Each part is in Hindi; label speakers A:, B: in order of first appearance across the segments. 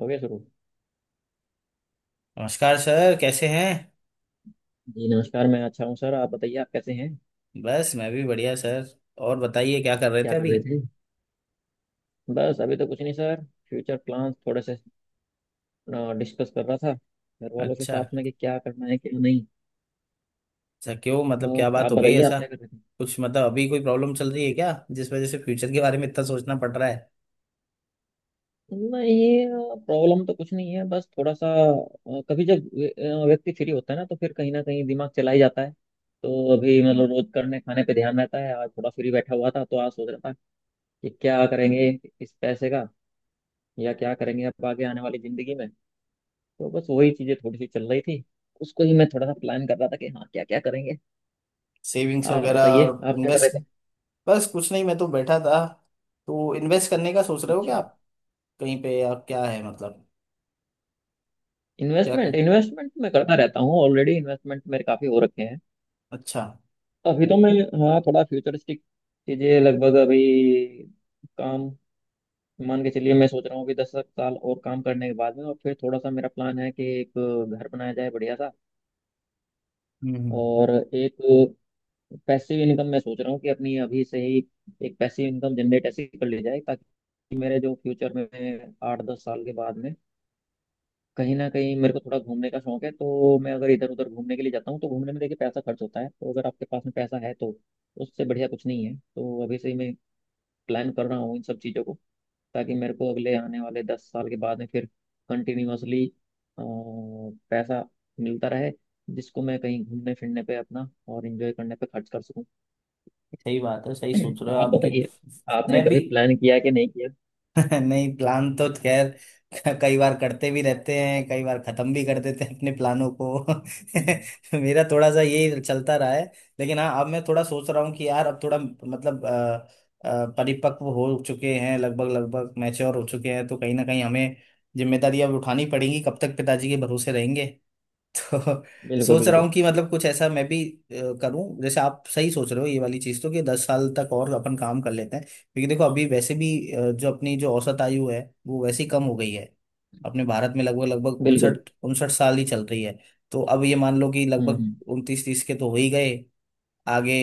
A: हो गया शुरू।
B: नमस्कार सर, कैसे हैं।
A: जी नमस्कार, मैं अच्छा हूँ सर। आप बताइए, आप कैसे हैं?
B: बस मैं भी बढ़िया सर। और बताइए, क्या कर रहे थे
A: क्या कर
B: अभी।
A: रहे थे? बस अभी तो कुछ नहीं सर। फ्यूचर प्लान्स थोड़े से डिस्कस कर रहा था घर वालों के
B: अच्छा।
A: साथ में कि क्या करना है क्या नहीं।
B: अच्छा, क्यों मतलब क्या
A: और
B: बात
A: आप
B: हो गई
A: बताइए, आप
B: ऐसा?
A: क्या कर रहे थे?
B: कुछ मतलब अभी कोई प्रॉब्लम चल रही है क्या, जिस वजह से फ्यूचर के बारे में इतना सोचना पड़ रहा है?
A: नहीं। प्रॉब्लम तो कुछ नहीं है, बस थोड़ा सा कभी जब व्यक्ति फ्री होता है ना तो फिर कहीं ना कहीं दिमाग चला ही जाता है। तो अभी मतलब रोज करने खाने पे ध्यान रहता है, आज थोड़ा फ्री बैठा हुआ था तो आज सोच रहा था कि क्या करेंगे इस पैसे का, या क्या करेंगे अब आगे आने वाली जिंदगी में। तो बस वही चीजें थोड़ी सी चल रही थी, उसको ही मैं थोड़ा सा प्लान कर रहा था कि हाँ क्या क्या करेंगे।
B: सेविंग्स
A: आप
B: वगैरह
A: बताइए,
B: और
A: आप क्या कर रहे
B: इन्वेस्ट।
A: थे?
B: बस कुछ नहीं, मैं तो बैठा था। तो इन्वेस्ट करने का सोच रहे हो क्या
A: अच्छा।
B: आप? कहीं पे, या क्या है मतलब। क्या
A: इन्वेस्टमेंट,
B: कर
A: इन्वेस्टमेंट मैं करता रहता हूँ, ऑलरेडी इन्वेस्टमेंट मेरे काफी हो रखे हैं।
B: अच्छा।
A: अभी तो मैं हाँ थोड़ा फ्यूचरिस्टिक चीजें लगभग अभी काम मान के चलिए, मैं सोच रहा हूँ कि 10 साल और काम करने के बाद में, और फिर थोड़ा सा मेरा प्लान है कि एक घर बनाया जाए बढ़िया सा।
B: हम्म हम्म, हम्म।
A: और एक पैसिव इनकम मैं सोच रहा हूँ कि अपनी अभी से ही एक पैसिव इनकम जनरेट ऐसी कर ली जाए, ताकि मेरे जो फ्यूचर में 8-10 साल के बाद में कहीं ना कहीं मेरे को थोड़ा घूमने का शौक है, तो मैं अगर इधर उधर घूमने के लिए जाता हूँ तो घूमने में देखिए पैसा खर्च होता है, तो अगर आपके पास में पैसा है तो उससे बढ़िया कुछ नहीं है। तो अभी से ही मैं प्लान कर रहा हूँ इन सब चीज़ों को, ताकि मेरे को अगले आने वाले 10 साल के बाद में फिर कंटिन्यूअसली पैसा मिलता रहे जिसको मैं कहीं घूमने फिरने पे अपना और एंजॉय करने पे खर्च कर सकूँ।
B: सही बात है, सही सोच रहे हो
A: आप
B: आपकी।
A: बताइए, आपने
B: मैं भी।
A: कभी प्लान किया कि नहीं किया?
B: नहीं, प्लान तो खैर कई बार करते भी रहते हैं, कई बार खत्म भी कर देते हैं अपने प्लानों को।
A: हम्म।
B: मेरा थोड़ा सा यही चलता रहा है। लेकिन हाँ, अब मैं थोड़ा सोच रहा हूँ कि यार अब थोड़ा मतलब परिपक्व हो चुके हैं, लगभग लगभग मैच्योर हो चुके हैं, तो कहीं ना कहीं हमें जिम्मेदारियां अब उठानी पड़ेंगी, कब तक पिताजी के भरोसे रहेंगे। तो
A: बिल्कुल
B: सोच रहा
A: बिल्कुल।
B: हूँ कि मतलब कुछ ऐसा मैं भी करूँ, जैसे आप सही सोच रहे हो ये वाली चीज़ तो, कि 10 साल तक और अपन काम कर लेते हैं, क्योंकि देखो अभी वैसे भी जो अपनी जो औसत आयु है वो वैसे ही कम हो गई है। अपने भारत में लगभग लगभग
A: बिल्कुल।
B: उनसठ उनसठ साल ही चल रही है। तो अब ये मान लो कि लगभग
A: हम्म।
B: 29-30 के तो हो ही गए आगे।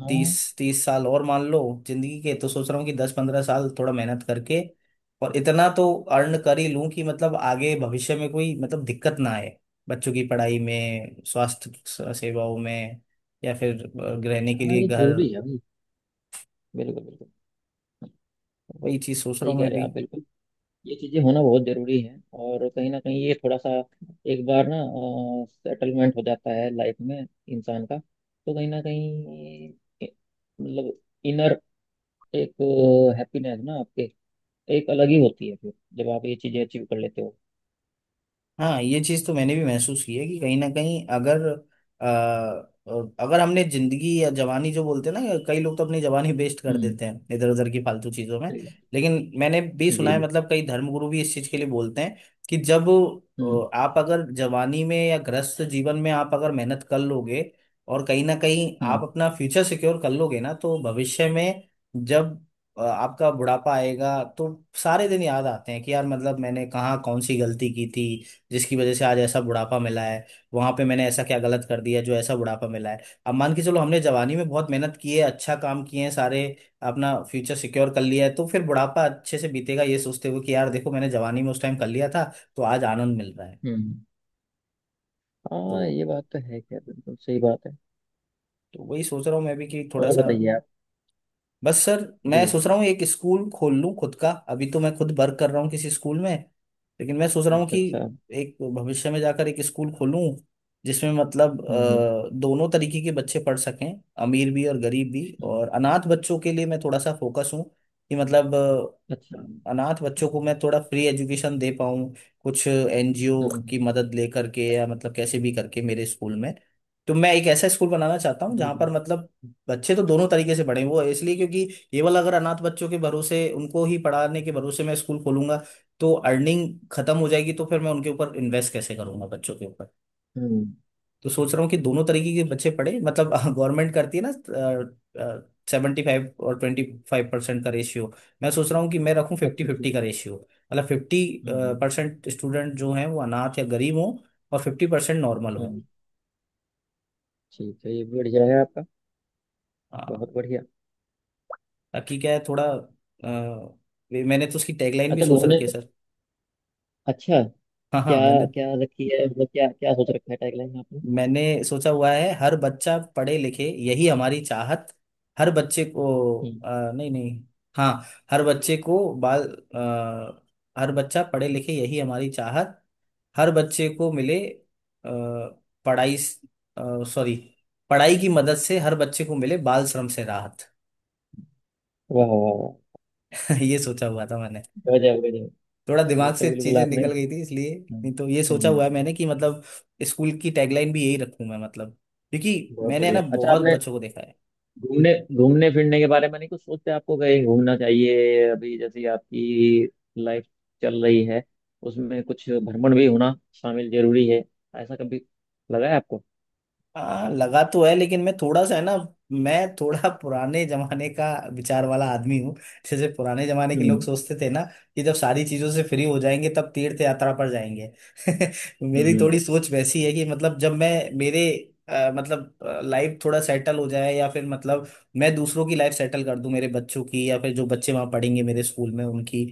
A: हाँ
B: तीस तीस साल और मान लो जिंदगी के। तो सोच रहा हूँ कि 10-15 साल थोड़ा मेहनत करके और इतना तो अर्न कर ही लूं, कि मतलब आगे भविष्य में कोई मतलब दिक्कत ना, बच्चों की पढ़ाई में, स्वास्थ्य सेवाओं में, या फिर रहने के
A: हाँ,
B: लिए
A: ये
B: घर।
A: जरूरी है भाई। बिल्कुल बिल्कुल।
B: वही चीज़ सोच रहा
A: सही
B: हूँ
A: कह
B: मैं
A: रहे
B: भी।
A: हैं आप, बिल्कुल। ये चीजें होना बहुत जरूरी है, और कहीं ना कहीं ये थोड़ा सा एक बार ना सेटलमेंट हो जाता है लाइफ में इंसान का, तो कहीं ना कहीं ए- मतलब इनर एक हैप्पीनेस ना आपके एक अलग ही होती है फिर जब आप ये चीजें अचीव कर लेते हो।
B: हाँ, ये चीज़ तो मैंने भी महसूस की है, कि कहीं ना कहीं अगर अ, अगर हमने जिंदगी या जवानी, जो बोलते हैं ना, कई लोग तो अपनी जवानी वेस्ट कर
A: हम्म,
B: देते हैं इधर उधर की फालतू चीज़ों में।
A: सही बात।
B: लेकिन मैंने भी सुना
A: जी
B: है,
A: जी।
B: मतलब कई धर्मगुरु भी इस चीज़ के लिए बोलते हैं, कि जब
A: हम्म
B: आप अगर जवानी में या ग्रस्त जीवन में आप अगर मेहनत कर लोगे और कहीं ना कहीं आप
A: हम्म
B: अपना फ्यूचर सिक्योर कर लोगे ना, तो भविष्य में जब आपका बुढ़ापा आएगा तो सारे दिन याद आते हैं कि यार मतलब मैंने कहाँ कौन सी गलती की थी, जिसकी वजह से आज ऐसा बुढ़ापा मिला है। वहां पे मैंने ऐसा क्या गलत कर दिया जो ऐसा बुढ़ापा मिला है। अब मान के चलो हमने जवानी में बहुत मेहनत की है, अच्छा काम किए हैं सारे, अपना फ्यूचर सिक्योर कर लिया है, तो फिर बुढ़ापा अच्छे से बीतेगा ये सोचते हुए कि यार देखो मैंने जवानी में उस टाइम कर लिया था, तो आज आनंद मिल रहा है।
A: हम्म।
B: तो,
A: हाँ ये बात तो है, क्या बिल्कुल सही बात है।
B: तो वही सोच रहा हूँ मैं भी, कि थोड़ा
A: और
B: सा
A: बताइए आप।
B: बस सर,
A: जी।
B: मैं सोच रहा हूँ एक स्कूल खोल लूँ खुद का। अभी तो मैं खुद वर्क कर रहा हूँ किसी स्कूल में, लेकिन मैं सोच रहा हूँ
A: अच्छा
B: कि
A: अच्छा।
B: एक भविष्य में जाकर एक स्कूल खोलूँ, जिसमें मतलब
A: हम्म हम्म
B: दोनों तरीके के बच्चे पढ़ सकें, अमीर भी और गरीब भी।
A: हम्म।
B: और अनाथ बच्चों के लिए मैं थोड़ा सा फोकस हूँ, कि मतलब
A: अच्छा।
B: अनाथ बच्चों को मैं थोड़ा फ्री एजुकेशन दे पाऊँ, कुछ एनजीओ की
A: हम्म।
B: मदद ले करके, या मतलब कैसे भी करके मेरे स्कूल में। तो मैं एक ऐसा स्कूल बनाना चाहता हूँ
A: जी
B: जहाँ
A: जी।
B: पर मतलब बच्चे तो दोनों तरीके से पढ़े। वो इसलिए क्योंकि ये वाला अगर अनाथ बच्चों के भरोसे, उनको ही पढ़ाने के भरोसे मैं स्कूल खोलूंगा, तो अर्निंग खत्म हो जाएगी, तो फिर मैं उनके ऊपर इन्वेस्ट कैसे करूंगा, बच्चों के ऊपर।
A: हम्म।
B: तो सोच रहा हूँ कि दोनों तरीके के बच्चे पढ़े, मतलब गवर्नमेंट करती है ना 75 और 25% का रेशियो। मैं सोच रहा हूँ कि मैं रखूँ फिफ्टी
A: अच्छा अच्छा।
B: फिफ्टी का रेशियो, मतलब फिफ्टी
A: हम्म हम्म
B: परसेंट स्टूडेंट जो हैं वो अनाथ या गरीब हों और 50% नॉर्मल हों।
A: हम्म। ठीक है, ये भी बढ़िया है आपका।
B: हाँ,
A: बहुत बढ़िया।
B: ताकि क्या है थोड़ा मैंने तो उसकी टैगलाइन भी
A: अच्छा
B: सोच
A: घूमने।
B: रखी है सर।
A: अच्छा,
B: हाँ हाँ,
A: क्या?
B: मैंने
A: क्या रखी है? मतलब क्या क्या सोच रखा है टैगलाइन आपने?
B: मैंने सोचा हुआ है, हर बच्चा पढ़े लिखे यही हमारी चाहत। हर बच्चे को
A: हम्म।
B: नहीं नहीं। हाँ, हर बच्चे को बाल अ, हर बच्चा पढ़े लिखे यही हमारी चाहत, हर बच्चे को मिले पढ़ाई सॉरी पढ़ाई की मदद से हर बच्चे को मिले बाल श्रम से राहत।
A: वाह वाह वाह।
B: ये सोचा हुआ था,
A: गजब गजब।
B: थोड़ा
A: ये
B: दिमाग
A: तो
B: से
A: बिल्कुल
B: चीजें
A: आपने।
B: निकल गई थी इसलिए।
A: हम्म
B: नहीं तो ये
A: हम्म
B: सोचा
A: हम्म
B: हुआ है मैंने, कि मतलब स्कूल की टैगलाइन भी यही रखूं मैं, मतलब क्योंकि
A: बहुत
B: मैंने, है ना,
A: बढ़िया, अच्छा
B: बहुत
A: आपने।
B: बच्चों को देखा है।
A: घूमने, घूमने फिरने के बारे में नहीं कुछ सोचते? आपको कहीं घूमना चाहिए अभी, जैसे आपकी लाइफ चल रही है उसमें कुछ भ्रमण भी होना शामिल जरूरी है, ऐसा कभी लगा है आपको?
B: हाँ लगा तो है, लेकिन मैं थोड़ा सा, है ना, मैं थोड़ा पुराने जमाने का विचार वाला आदमी हूँ। जैसे पुराने जमाने के लोग
A: हम्म
B: सोचते थे ना, कि जब सारी चीजों से फ्री हो जाएंगे तब तीर्थ यात्रा पर जाएंगे। मेरी
A: हम्म
B: थोड़ी सोच वैसी है, कि मतलब जब मैं मेरे मतलब लाइफ थोड़ा सेटल हो जाए, या फिर मतलब मैं दूसरों की लाइफ सेटल कर दूं, मेरे बच्चों की या फिर जो बच्चे वहां पढ़ेंगे मेरे स्कूल में उनकी,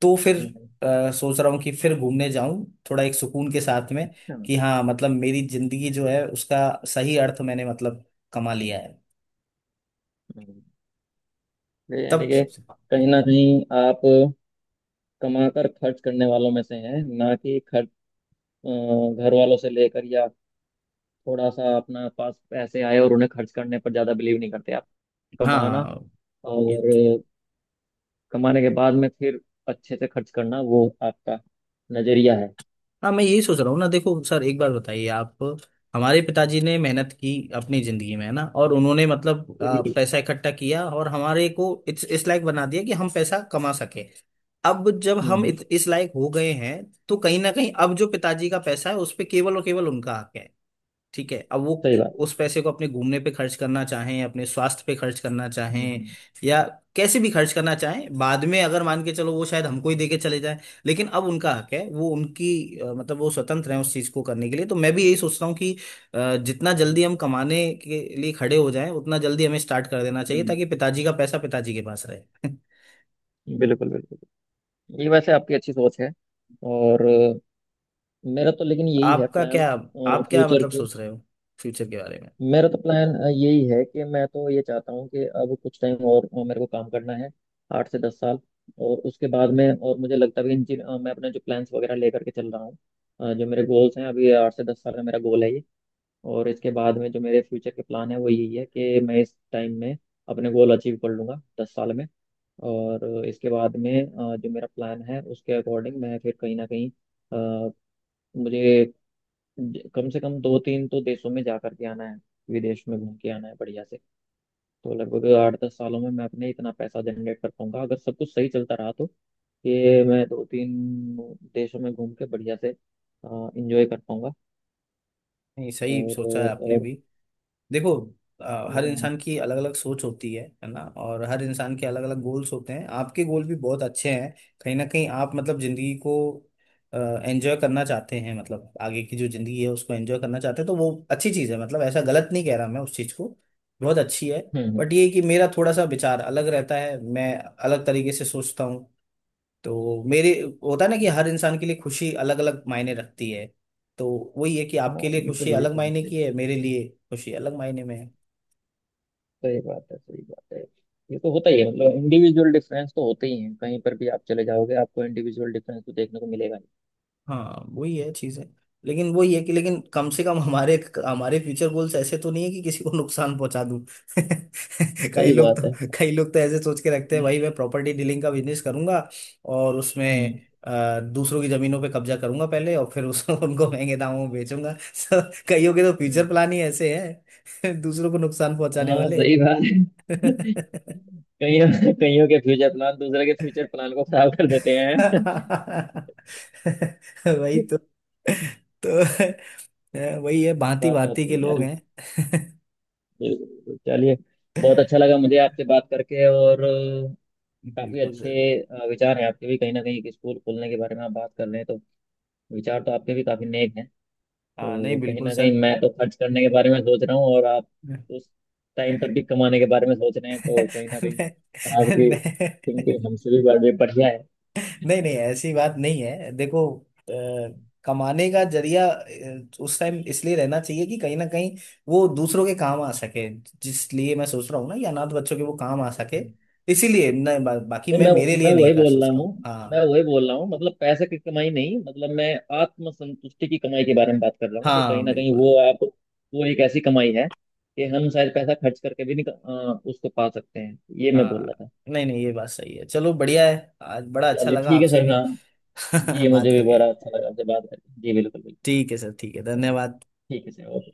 B: तो फिर
A: हम्म। हम्म।
B: सोच रहा हूँ कि फिर घूमने जाऊं, थोड़ा एक सुकून के साथ में,
A: अच्छा।
B: कि हाँ मतलब मेरी जिंदगी जो है उसका सही अर्थ मैंने मतलब कमा लिया है
A: हम्म। ये यानी
B: तब।
A: कि कहीं ना कहीं आप कमाकर खर्च करने वालों में से हैं, ना कि खर्च अ, घर वालों से लेकर, या थोड़ा सा अपना पास पैसे आए और उन्हें खर्च करने पर ज्यादा बिलीव नहीं करते आप। कमाना,
B: हाँ ये तो-
A: और कमाने के बाद में फिर अच्छे से खर्च करना, वो आपका नजरिया है।
B: हाँ, मैं यही सोच रहा हूँ ना। देखो सर, एक बार बताइए आप, हमारे पिताजी ने मेहनत की अपनी जिंदगी में, है ना, और उन्होंने मतलब
A: बिल्कुल।
B: पैसा इकट्ठा किया और हमारे को इस लायक बना दिया कि हम पैसा कमा सके। अब जब
A: हम्म
B: हम
A: हम्म,
B: इस लायक हो गए हैं, तो कहीं ना कहीं अब जो पिताजी का पैसा है, उस पे केवल और केवल उनका हक है। ठीक है, अब वो
A: सही बात है।
B: उस पैसे को अपने घूमने पे खर्च करना चाहें, अपने स्वास्थ्य पे खर्च करना चाहें,
A: हम्म।
B: या कैसे भी खर्च करना चाहें, बाद में अगर मान के चलो वो शायद हमको ही देके चले जाए, लेकिन अब उनका हक है, वो उनकी मतलब वो स्वतंत्र है उस चीज को करने के लिए। तो मैं भी यही सोच रहा हूँ कि जितना जल्दी हम कमाने के लिए खड़े हो जाएं उतना जल्दी हमें स्टार्ट कर देना चाहिए, ताकि पिताजी का पैसा पिताजी के पास रहे।
A: बिल्कुल बिल्कुल। ये वैसे आपकी अच्छी सोच है। और मेरा तो लेकिन यही है
B: आपका
A: प्लान्स
B: क्या, आप क्या
A: फ्यूचर
B: मतलब
A: के।
B: सोच रहे हो फ्यूचर के बारे में?
A: मेरा तो प्लान यही है कि मैं तो ये चाहता हूँ कि अब कुछ टाइम और मेरे को काम करना है, 8 से 10 साल। और उसके बाद में, और मुझे लगता भी मैं अपने जो प्लान्स वगैरह लेकर के चल रहा हूँ, जो मेरे गोल्स हैं, अभी 8 से 10 साल का मेरा गोल है ये। और इसके बाद में जो मेरे फ्यूचर के प्लान है वो यही है कि मैं इस टाइम में अपने गोल अचीव कर लूँगा, 10 साल में। और इसके बाद में जो मेरा प्लान है उसके अकॉर्डिंग मैं फिर कहीं ना कहीं अ, मुझे कम से कम 2-3 तो देशों में जा करके आना है, विदेश में घूम के आना है बढ़िया से। तो लगभग 8-10 सालों में मैं अपने इतना पैसा जनरेट कर पाऊंगा अगर सब कुछ सही चलता रहा तो, कि मैं 2-3 देशों में घूम के बढ़िया से इंजॉय कर पाऊंगा।
B: नहीं, सही
A: और
B: सोचा है
A: और,
B: आपने
A: और
B: भी। देखो हर
A: हम्म।
B: इंसान की अलग अलग सोच होती है ना, और हर इंसान के अलग अलग गोल्स होते हैं। आपके गोल भी बहुत अच्छे हैं, कहीं ना कहीं आप मतलब जिंदगी को एंजॉय करना चाहते हैं, मतलब आगे की जो जिंदगी है उसको एंजॉय करना चाहते हैं, तो वो अच्छी चीज़ है, मतलब ऐसा गलत नहीं कह रहा मैं उस चीज़ को, बहुत अच्छी है।
A: हम्म
B: बट ये है कि मेरा थोड़ा सा विचार अलग रहता है, मैं अलग तरीके से सोचता हूँ। तो मेरे, होता है ना कि हर इंसान के लिए खुशी अलग अलग मायने रखती है, तो वही है कि आपके
A: हाँ
B: लिए
A: बिल्कुल,
B: खुशी
A: ये
B: अलग
A: तो
B: मायने
A: होता ही
B: की
A: है।
B: है, मेरे लिए खुशी अलग मायने में है।
A: सही बात है, सही बात है। ये तो होता ही है, मतलब इंडिविजुअल डिफरेंस तो होते ही हैं, कहीं पर भी आप चले जाओगे आपको इंडिविजुअल डिफरेंस तो देखने को मिलेगा ही।
B: हाँ वही है चीजें, लेकिन वही है कि, लेकिन कम से कम हमारे हमारे फ्यूचर गोल्स ऐसे तो नहीं है कि किसी को नुकसान पहुंचा दूं। कई
A: सही
B: लोग
A: बात है।
B: तो कई लोग तो ऐसे सोच के रखते हैं,
A: हम्म
B: भाई मैं प्रॉपर्टी डीलिंग का बिजनेस करूंगा और उसमें
A: हम्म
B: दूसरों की जमीनों पे कब्जा करूंगा पहले और फिर उस उनको महंगे दामों में बेचूंगा। So, कईयों के तो फ्यूचर
A: हम्म।
B: प्लान ही ऐसे हैं दूसरों को नुकसान पहुंचाने
A: हाँ
B: वाले।
A: सही बात है। कईयों, कईयों के फ्यूचर प्लान दूसरे के फ्यूचर प्लान को खराब कर देते हैं।
B: वही तो वही है, भांति
A: बात तो आप
B: भांति के
A: सही कह
B: लोग
A: रहे
B: हैं।
A: हो, बिल्कुल बिल्कुल। चलिए, बहुत अच्छा लगा मुझे आपसे बात करके। और काफी
B: बिल्कुल
A: अच्छे
B: सर।
A: विचार हैं आपके भी, कहीं ना कहीं एक स्कूल खोलने के बारे में आप बात कर रहे हैं तो विचार तो आपके भी काफी नेक हैं।
B: हाँ,
A: तो
B: नहीं
A: कहीं
B: बिल्कुल
A: ना कहीं
B: सर।
A: मैं तो खर्च करने के बारे में सोच रहा हूँ, और आप उस टाइम पर भी कमाने के बारे में सोच रहे हैं, तो कहीं ना कहीं
B: नहीं,
A: आपकी थिंकिंग हमसे भी बड़े बढ़िया है।
B: नहीं नहीं ऐसी बात नहीं है। देखो अ, कमाने का जरिया उस टाइम इसलिए रहना चाहिए कि कहीं ना कहीं वो दूसरों के काम आ सके, जिसलिए मैं सोच रहा हूँ ना कि अनाथ बच्चों के वो काम आ सके, इसीलिए, नहीं बाकी
A: नहीं,
B: मैं
A: मैं
B: मेरे लिए
A: मैं
B: नहीं
A: वही
B: कर
A: बोल रहा
B: सोचता
A: हूँ।
B: हूँ,
A: मैं
B: हाँ।
A: वही बोल रहा हूँ, मतलब पैसे की कमाई नहीं, मतलब मैं आत्मसंतुष्टि की कमाई के बारे में बात कर रहा हूँ कि कहीं
B: हाँ
A: ना कहीं
B: बिल्कुल।
A: वो आप, वो एक ऐसी कमाई है कि हम शायद पैसा खर्च करके भी नहीं उसको पा सकते हैं। ये मैं
B: हाँ
A: बोल रहा था।
B: नहीं नहीं, ये बात सही है, चलो बढ़िया है। आज बड़ा अच्छा
A: चलिए,
B: लगा
A: ठीक है
B: आपसे
A: सर
B: भी
A: हाँ। जी,
B: बात
A: मुझे भी
B: करके।
A: बड़ा अच्छा लगा आपसे बात करके जी, बिल्कुल बिल्कुल।
B: ठीक है सर, ठीक है,
A: चलिए,
B: धन्यवाद।
A: ठीक है सर, ओके।